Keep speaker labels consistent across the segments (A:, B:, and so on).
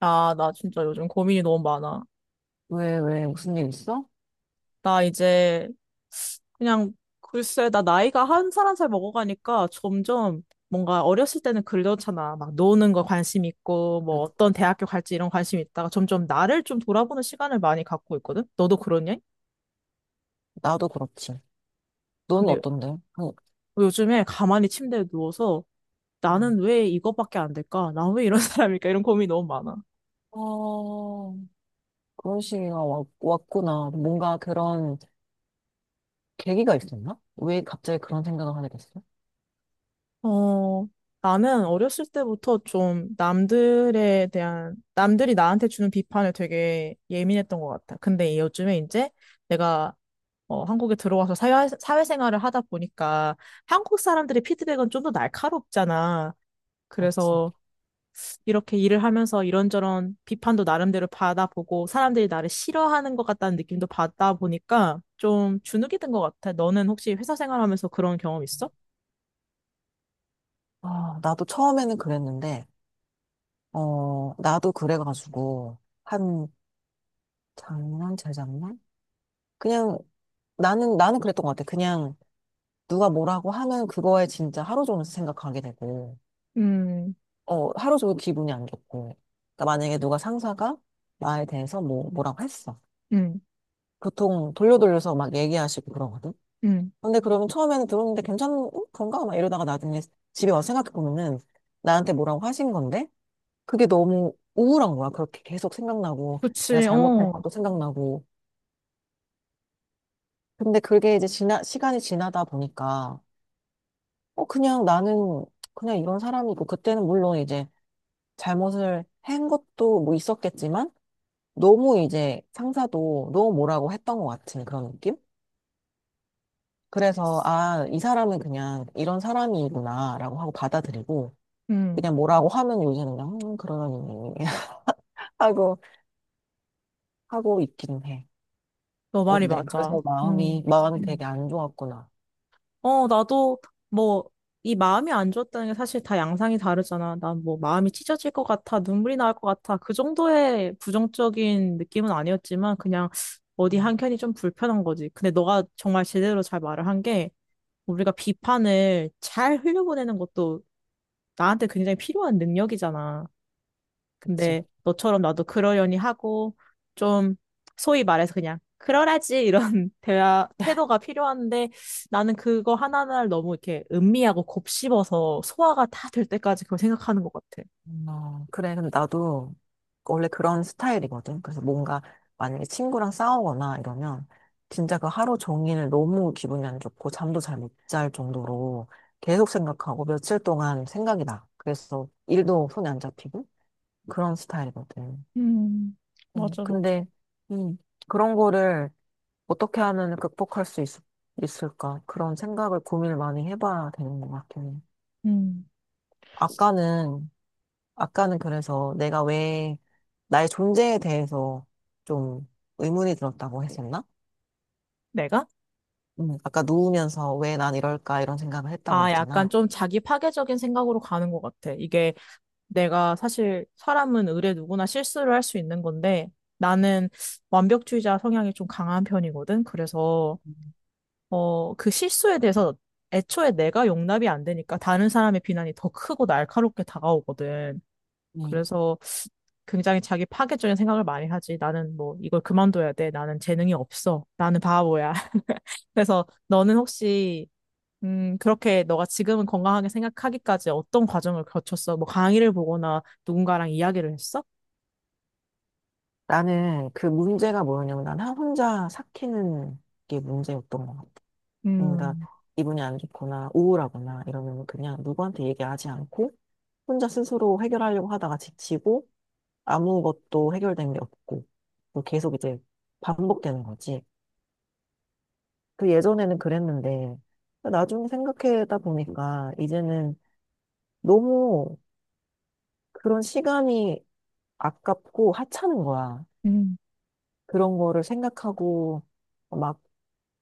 A: 아, 나 진짜 요즘 고민이 너무 많아.
B: 왜, 왜, 무슨 일 있어?
A: 나 이제 그냥 글쎄, 나 나이가 한 살 한 살 먹어가니까 점점 뭔가 어렸을 때는 그러잖아. 막 노는 거 관심 있고,
B: 나-
A: 뭐 어떤 대학교 갈지 이런 관심 있다가 점점 나를 좀 돌아보는 시간을 많이 갖고 있거든? 너도 그러냐?
B: 나도 그렇지. 넌
A: 근데
B: 어떤데? 그,
A: 요즘에 가만히 침대에 누워서
B: 음.
A: 나는 왜 이거밖에 안 될까? 나 왜 이런 사람일까? 이런 고민이 너무 많아.
B: 어, 그런 시기가 왔구나. 뭔가 그런 계기가 있었나? 왜 갑자기 그런 생각을 하게 됐어?
A: 어, 나는 어렸을 때부터 좀 남들에 대한, 남들이 나한테 주는 비판에 되게 예민했던 것 같아. 근데 요즘에 이제 내가 한국에 들어와서 사회생활을 하다 보니까 한국 사람들의 피드백은 좀 더 날카롭잖아.
B: 그렇지.
A: 그래서 이렇게 일을 하면서 이런저런 비판도 나름대로 받아보고 사람들이 나를 싫어하는 것 같다는 느낌도 받다 보니까 좀 주눅이 든 것 같아. 너는 혹시 회사 생활하면서 그런 경험 있어?
B: 아, 나도 처음에는 그랬는데, 나도 그래가지고, 한, 작년, 재작년? 그냥, 나는 그랬던 것 같아. 그냥, 누가 뭐라고 하면 그거에 진짜 하루 종일 생각하게 되고,
A: 음,
B: 하루 종일 기분이 안 좋고. 그러니까 만약에 누가 상사가 나에 대해서 뭐라고 했어.
A: 음,
B: 보통 돌려 돌려서 막 얘기하시고 그러거든.
A: 음.
B: 근데 그러면 처음에는 들었는데 괜찮은 건가? 막 이러다가 나중에 집에 와서 생각해보면은 나한테 뭐라고 하신 건데 그게 너무 우울한 거야. 그렇게 계속 생각나고 내가
A: 그치,
B: 잘못한
A: 어.
B: 것도 생각나고. 근데 그게 이제 시간이 지나다 보니까 그냥 나는 그냥 이런 사람이고 그때는 물론 이제 잘못을 한 것도 뭐 있었겠지만 너무 이제 상사도 너무 뭐라고 했던 것 같은 그런 느낌? 그래서 아, 이 사람은 그냥 이런 사람이구나라고 하고 받아들이고
A: 음,
B: 그냥 뭐라고 하면 요새는 그냥 그러려니 하고 하고 있긴 해.
A: 너 말이
B: 어때? 음.
A: 맞아.
B: 그래서 마음이
A: 음.
B: 마음이 되게
A: 음.
B: 안 좋았구나.
A: 나도 뭐, 이 마음이 안 좋았다는 게 사실 다 양상이 다르잖아. 난 뭐, 마음이 찢어질 것 같아, 눈물이 나올 것 같아. 그 정도의 부정적인 느낌은 아니었지만, 그냥 어디
B: 음,
A: 한켠이 좀 불편한 거지. 근데 너가 정말 제대로 잘 말을 한 게, 우리가 비판을 잘 흘려보내는 것도 나한테 굉장히 필요한 능력이잖아.
B: 그치.
A: 근데 너처럼 나도 그러려니 하고 좀 소위 말해서 그냥 그러라지 이런 대화 태도가 필요한데 나는 그거 하나하나를 너무 이렇게 음미하고 곱씹어서 소화가 다 될 때까지 그걸 생각하는 것 같아.
B: 어, 그래. 근데 나도 원래 그런 스타일이거든. 그래서 뭔가 만약에 친구랑 싸우거나 이러면 진짜 그 하루 종일 너무 기분이 안 좋고 잠도 잘 못 잘 정도로 계속 생각하고 며칠 동안 생각이 나. 그래서 일도 손에 안 잡히고 그런 스타일이거든.
A: 음,
B: 음,
A: 맞아, 맞아.
B: 근데, 음, 그런 거를 어떻게 하면 있을까? 그런 생각을 고민을 많이 해봐야 되는 것 같긴 해.
A: 음,
B: 아까는 아까는 그래서 내가 왜 나의 존재에 대해서 좀 의문이 들었다고 했었나?
A: 내가?
B: 아까 누우면서 왜 난 이럴까 이런 생각을 했다고
A: 아, 약간
B: 했잖아.
A: 좀 자기 파괴적인 생각으로 가는 것 같아. 이게 내가 사실 사람은 의례 누구나 실수를 할 수 있는 건데 나는 완벽주의자 성향이 좀 강한 편이거든. 그래서 그 실수에 대해서 애초에 내가 용납이 안 되니까 다른 사람의 비난이 더 크고 날카롭게 다가오거든.
B: 네.
A: 그래서 굉장히 자기 파괴적인 생각을 많이 하지. 나는 뭐 이걸 그만둬야 돼. 나는 재능이 없어. 나는 바보야. 그래서 너는 혹시 그렇게 너가 지금은 건강하게 생각하기까지 어떤 과정을 거쳤어? 뭐 강의를 보거나 누군가랑 이야기를 했어?
B: 나는 그 문제가 뭐였냐면 난 혼자 삭히는 게 문제였던 것 같아. 그러니까
A: 음,
B: 기분이 안 좋거나 우울하거나 이러면 그냥 누구한테 얘기하지 않고 혼자 스스로 해결하려고 하다가 지치고 아무것도 해결된 게 없고 또 계속 이제 반복되는 거지. 그 예전에는 그랬는데, 나중에 생각하다 보니까 이제는 너무 그런 시간이 아깝고 하찮은 거야.
A: 음,
B: 그런 거를 생각하고 막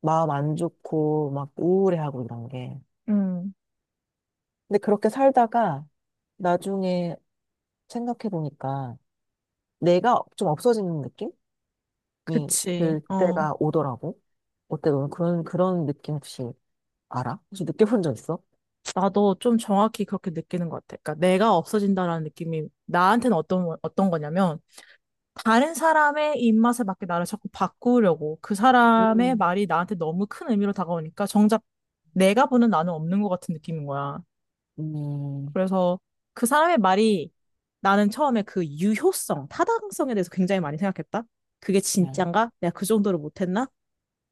B: 마음 안 좋고 막 우울해하고 이런 게.
A: 음.
B: 근데 그렇게 살다가 나중에 생각해 보니까 내가 좀 없어지는 느낌이
A: 그치.
B: 들
A: 어.
B: 때가 오더라고. 어때? 너는 그런 느낌 혹시 알아? 혹시 느껴본 적 있어?
A: 나도 좀 정확히 그렇게 느끼는 것 같아. 그러니까 내가 없어진다라는 느낌이 나한테는 어떤, 어떤 거냐면 다른 사람의 입맛에 맞게 나를 자꾸 바꾸려고 그 사람의
B: 음,
A: 말이 나한테 너무 큰 의미로 다가오니까 정작 내가 보는 나는 없는 것 같은 느낌인 거야.
B: 음,
A: 그래서 그 사람의 말이 나는 처음에 그 유효성, 타당성에 대해서 굉장히 많이 생각했다. 그게
B: 네,
A: 진짠가? 내가 그 정도로 못했나?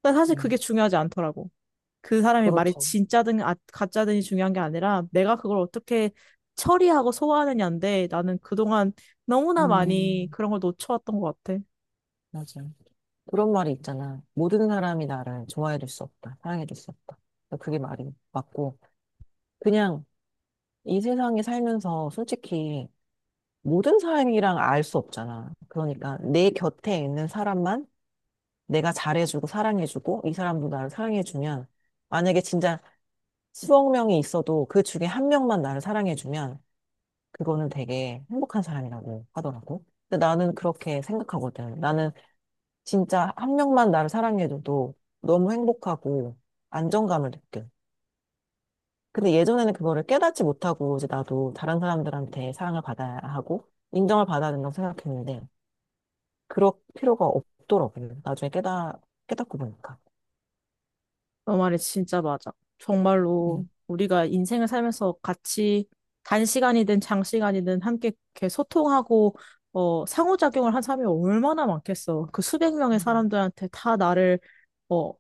A: 근데 사실
B: 네.
A: 그게 중요하지 않더라고. 그 사람의 말이
B: 그렇죠.
A: 진짜든 아, 가짜든이 중요한 게 아니라 내가 그걸 어떻게 처리하고 소화하느냐인데 나는 그동안 너무나 많이
B: 음,
A: 그런 걸 놓쳐왔던 것 같아.
B: 맞아. 그런 말이 있잖아. 모든 사람이 나를 좋아해 줄 수 없다. 사랑해 줄 수 없다. 그게 말이 맞고, 그냥 이 세상에 살면서 솔직히 모든 사람이랑 알 수 없잖아. 그러니까 내 곁에 있는 사람만 내가 잘해주고 사랑해주고 이 사람도 나를 사랑해주면, 만약에 진짜 수억 명이 있어도 그 중에 한 명만 나를 사랑해주면, 그거는 되게 행복한 사람이라고 하더라고. 근데 나는 그렇게 생각하거든. 나는 진짜 한 명만 나를 사랑해줘도 너무 행복하고 안정감을 느껴. 근데 예전에는 그거를 깨닫지 못하고 이제 나도 다른 사람들한테 사랑을 받아야 하고 인정을 받아야 된다고 생각했는데 그럴 필요가 없더라고요. 나중에 깨닫고 보니까.
A: 너 말이 진짜 맞아. 정말로
B: 음.
A: 우리가 인생을 살면서 같이 단시간이든 장시간이든 함께 이렇게 소통하고 상호작용을 한 사람이 얼마나 많겠어. 그 수백 명의
B: 음.
A: 사람들한테 다 나를 어,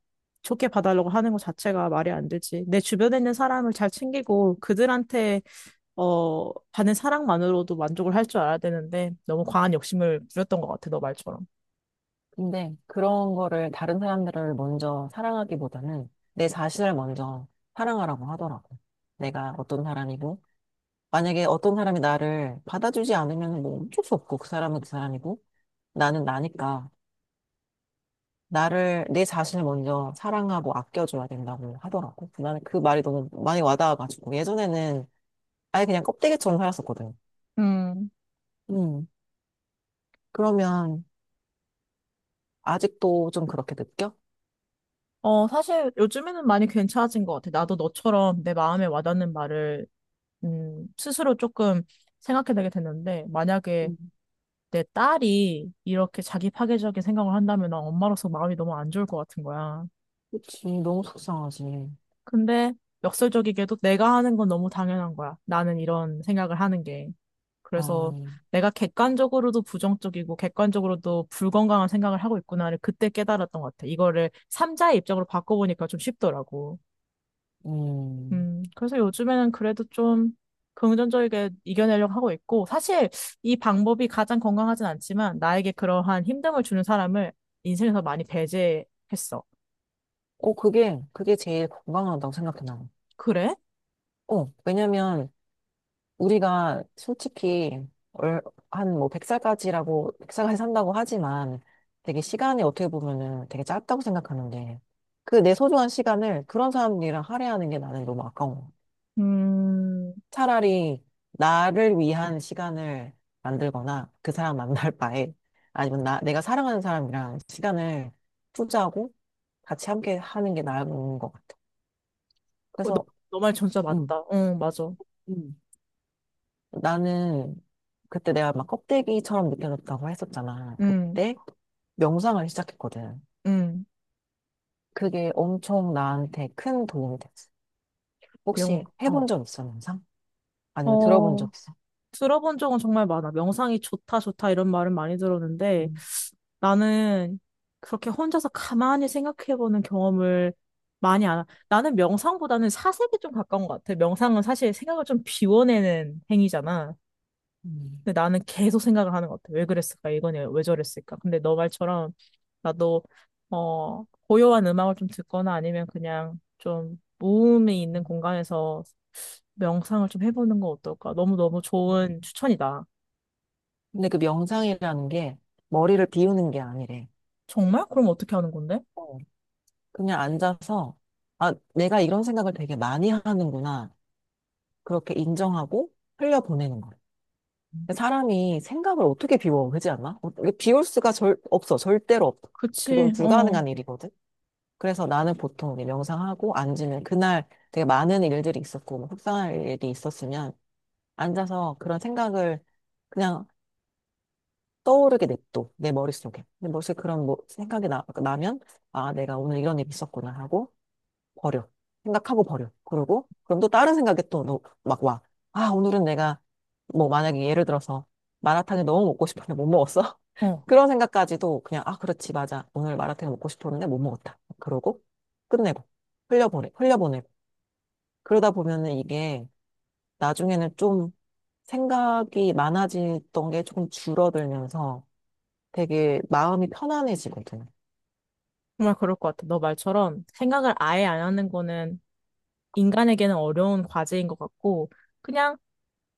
A: 좋게 봐달라고 하는 것 자체가 말이 안 되지. 내 주변에 있는 사람을 잘 챙기고 그들한테 받는 사랑만으로도 만족을 할 줄 알아야 되는데 너무 과한 욕심을 부렸던 것 같아, 너 말처럼.
B: 근데 그런 거를 다른 사람들을 먼저 사랑하기보다는 내 자신을 먼저 사랑하라고 하더라고요. 내가 어떤 사람이고 만약에 어떤 사람이 나를 받아주지 않으면 뭐 어쩔 수 없고 그 사람은 그 사람이고 나는 나니까 나를 내 자신을 먼저 사랑하고 아껴줘야 된다고 하더라고. 나는 그 말이 너무 많이 와닿아가지고 예전에는 아예 그냥 껍데기처럼 살았었거든.
A: 음.
B: 음. 그러면 아직도 좀 그렇게 느껴?
A: 사실 요즘에는 많이 괜찮아진 것 같아. 나도 너처럼 내 마음에 와닿는 말을, 스스로 조금 생각해내게 됐는데, 만약에
B: 음.
A: 내 딸이 이렇게 자기 파괴적인 생각을 한다면 난 엄마로서 마음이 너무 안 좋을 것 같은 거야.
B: 그치, 너무 속상하지.
A: 근데 역설적이게도 내가 하는 건 너무 당연한 거야. 나는 이런 생각을 하는 게. 그래서
B: 아,
A: 내가 객관적으로도 부정적이고 객관적으로도 불건강한 생각을 하고 있구나를 그때 깨달았던 것 같아. 이거를 삼자의 입장으로 바꿔보니까 좀 쉽더라고.
B: 음.
A: 그래서 요즘에는 그래도 좀 긍정적이게 이겨내려고 하고 있고, 사실 이 방법이 가장 건강하진 않지만 나에게 그러한 힘듦을 주는 사람을 인생에서 많이 배제했어.
B: 그게 제일 건강하다고 생각해, 나는.
A: 그래?
B: 왜냐면, 우리가 솔직히 얼, 한뭐 100살까지라고 백 살까지 산다고 하지만 되게 시간이 어떻게 보면은 되게 짧다고 생각하는데 그 내 소중한 시간을 그런 사람들이랑 할애하는 게 나는 너무 아까운 거
A: 음,
B: 차라리 나를 위한 시간을 만들거나 그 사람 만날 바에 아니면 나 내가 사랑하는 사람이랑 시간을 투자하고 같이 함께 하는 게 나은 것 같아.
A: 그 너,
B: 그래서
A: 너 말 진짜
B: 음.
A: 맞다. 응, 맞아.
B: 음. 나는 그때 내가 막 껍데기처럼 느껴졌다고 했었잖아.
A: 응,
B: 그때 명상을 시작했거든.
A: 응,
B: 그게 엄청 나한테 큰 도움이 됐어.
A: 내용,
B: 혹시 해본
A: 어.
B: 적 있어, 명상? 아니면 들어본
A: 어,
B: 적 있어?
A: 들어본 적은 정말 많아. 명상이 좋다, 좋다 이런 말은 많이 들었는데
B: 음,
A: 나는 그렇게 혼자서 가만히 생각해보는 경험을 많이 안 하. 나는 명상보다는 사색이 좀 가까운 것 같아. 명상은 사실 생각을 좀 비워내는 행위잖아.
B: 음.
A: 근데 나는 계속 생각을 하는 것 같아. 왜 그랬을까? 이거냐? 왜 저랬을까? 근데 너 말처럼 나도 고요한 음악을 좀 듣거나 아니면 그냥 좀 무음이 있는 공간에서 명상을 좀 해보는 거 어떨까? 너무너무 좋은 추천이다.
B: 근데 그 명상이라는 게 머리를 비우는 게 아니래.
A: 정말? 그럼 어떻게 하는 건데?
B: 어, 그냥 앉아서, 아, 내가 이런 생각을 되게 많이 하는구나. 그렇게 인정하고 흘려보내는 거야. 사람이 생각을 어떻게 비워, 그지 않나? 이게 비울 수가 없어. 절대로 없어. 그건
A: 그치, 어,
B: 불가능한 일이거든. 그래서 나는 보통 이제 명상하고 앉으면 그날 되게 많은 일들이 있었고, 뭐 속상할 일이 있었으면 앉아서 그런 생각을 그냥 떠오르게 냅둬. 내 머릿속에. 내 머릿속에 그런 뭐 생각이 나면, 아, 내가 오늘 이런 일이 있었구나 하고, 버려. 생각하고 버려. 그러고, 그럼 또 다른 생각이 또 막 와. 아, 오늘은 내가, 뭐, 만약에 예를 들어서, 마라탕이 너무 먹고 싶었는데 못 먹었어?
A: 어.
B: 그런 생각까지도 그냥, 아, 그렇지, 맞아. 오늘 마라탕 먹고 싶었는데 못 먹었다. 그러고, 끝내고, 흘려보내고. 그러다 보면은 이게, 나중에는 좀 생각이 많아지던 게 조금 줄어들면서 되게 마음이 편안해지거든.
A: 정말 그럴 것 같아. 너 말처럼 생각을 아예 안 하는 거는 인간에게는 어려운 과제인 것 같고, 그냥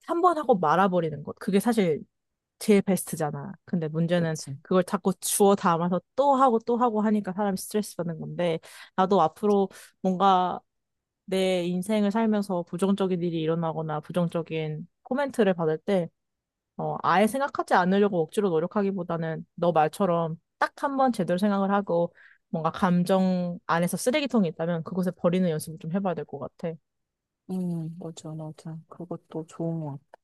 A: 한 번 하고 말아버리는 것. 그게 사실 제일 베스트잖아. 근데 문제는
B: 그치.
A: 그걸 자꾸 주워 담아서 또 하고 또 하고 하니까 사람이 스트레스 받는 건데, 나도 앞으로 뭔가 내 인생을 살면서 부정적인 일이 일어나거나 부정적인 코멘트를 받을 때 아예 생각하지 않으려고 억지로 노력하기보다는 너 말처럼 딱 한번 제대로 생각을 하고 뭔가 감정 안에서 쓰레기통이 있다면 그곳에 버리는 연습을 좀 해봐야 될 것 같아.
B: 맞아, 맞아. 그것도 좋은 것 같아.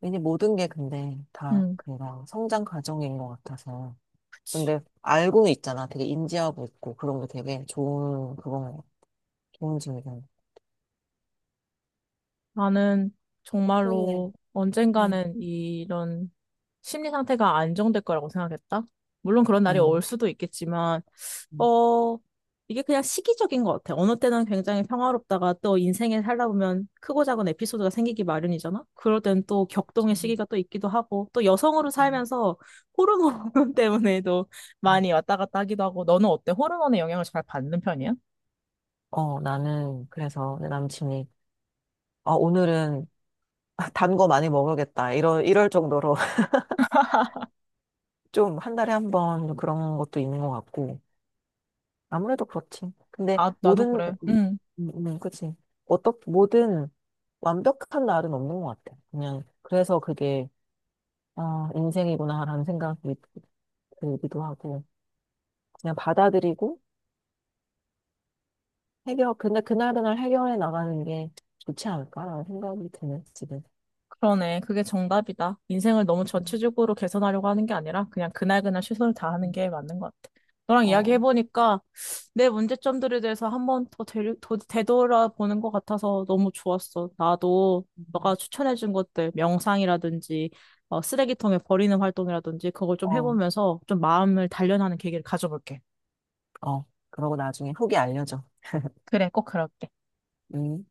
B: 왠지 모든 게 근데 다
A: 음,
B: 그냥 성장 과정인 것 같아서.
A: 그치.
B: 근데 알고는 있잖아. 되게 인지하고 있고 그런 게 되게 좋은 그런 거 좋은 질문.
A: 나는
B: 네, 네,
A: 정말로 언젠가는 이런 심리 상태가 안정될 거라고 생각했다. 물론 그런 날이 올
B: 응.
A: 수도 있겠지만
B: 응.
A: 어, 이게 그냥 시기적인 것 같아. 어느 때는 굉장히 평화롭다가 또 인생에 살다 보면 크고 작은 에피소드가 생기기 마련이잖아? 그럴 땐 또
B: 맞죠.
A: 격동의
B: 응.
A: 시기가 또 있기도 하고, 또 여성으로 살면서 호르몬 때문에도
B: 응.
A: 많이 왔다 갔다 하기도 하고, 너는 어때? 호르몬의 영향을 잘 받는 편이야?
B: 나는 그래서 내 남친이 아, 오늘은 단 거 많이 먹어야겠다. 이런 이럴 정도로 좀 한 달에 한 번 그런 것도 있는 것 같고 아무래도 그렇지. 근데
A: 아, 나도
B: 모든
A: 그래.
B: 음,
A: 응.
B: 그치. 어떻 모든 완벽한 날은 없는 것 같아. 그냥, 그래서 그게, 아, 인생이구나라는 생각이 들기도 하고, 그냥 받아들이고, 근데 그날그날 해결해 나가는 게 좋지 않을까라는 생각이 드네, 지금.
A: 그러네. 그게 정답이다. 인생을 너무
B: 음,
A: 전체적으로 개선하려고 하는 게 아니라 그냥 그날그날 최선을 다하는
B: 음.
A: 게 맞는 것 같아. 너랑
B: 어,
A: 이야기해보니까 내 문제점들에 대해서 한번 더 되돌아보는 것 같아서 너무 좋았어. 나도
B: 음.
A: 너가 추천해준 것들, 명상이라든지 쓰레기통에 버리는 활동이라든지 그걸 좀
B: 어,
A: 해보면서 좀 마음을 단련하는 계기를 가져볼게.
B: 어. 그러고 나중에 후기 알려줘.
A: 그래, 꼭 그럴게.
B: 음.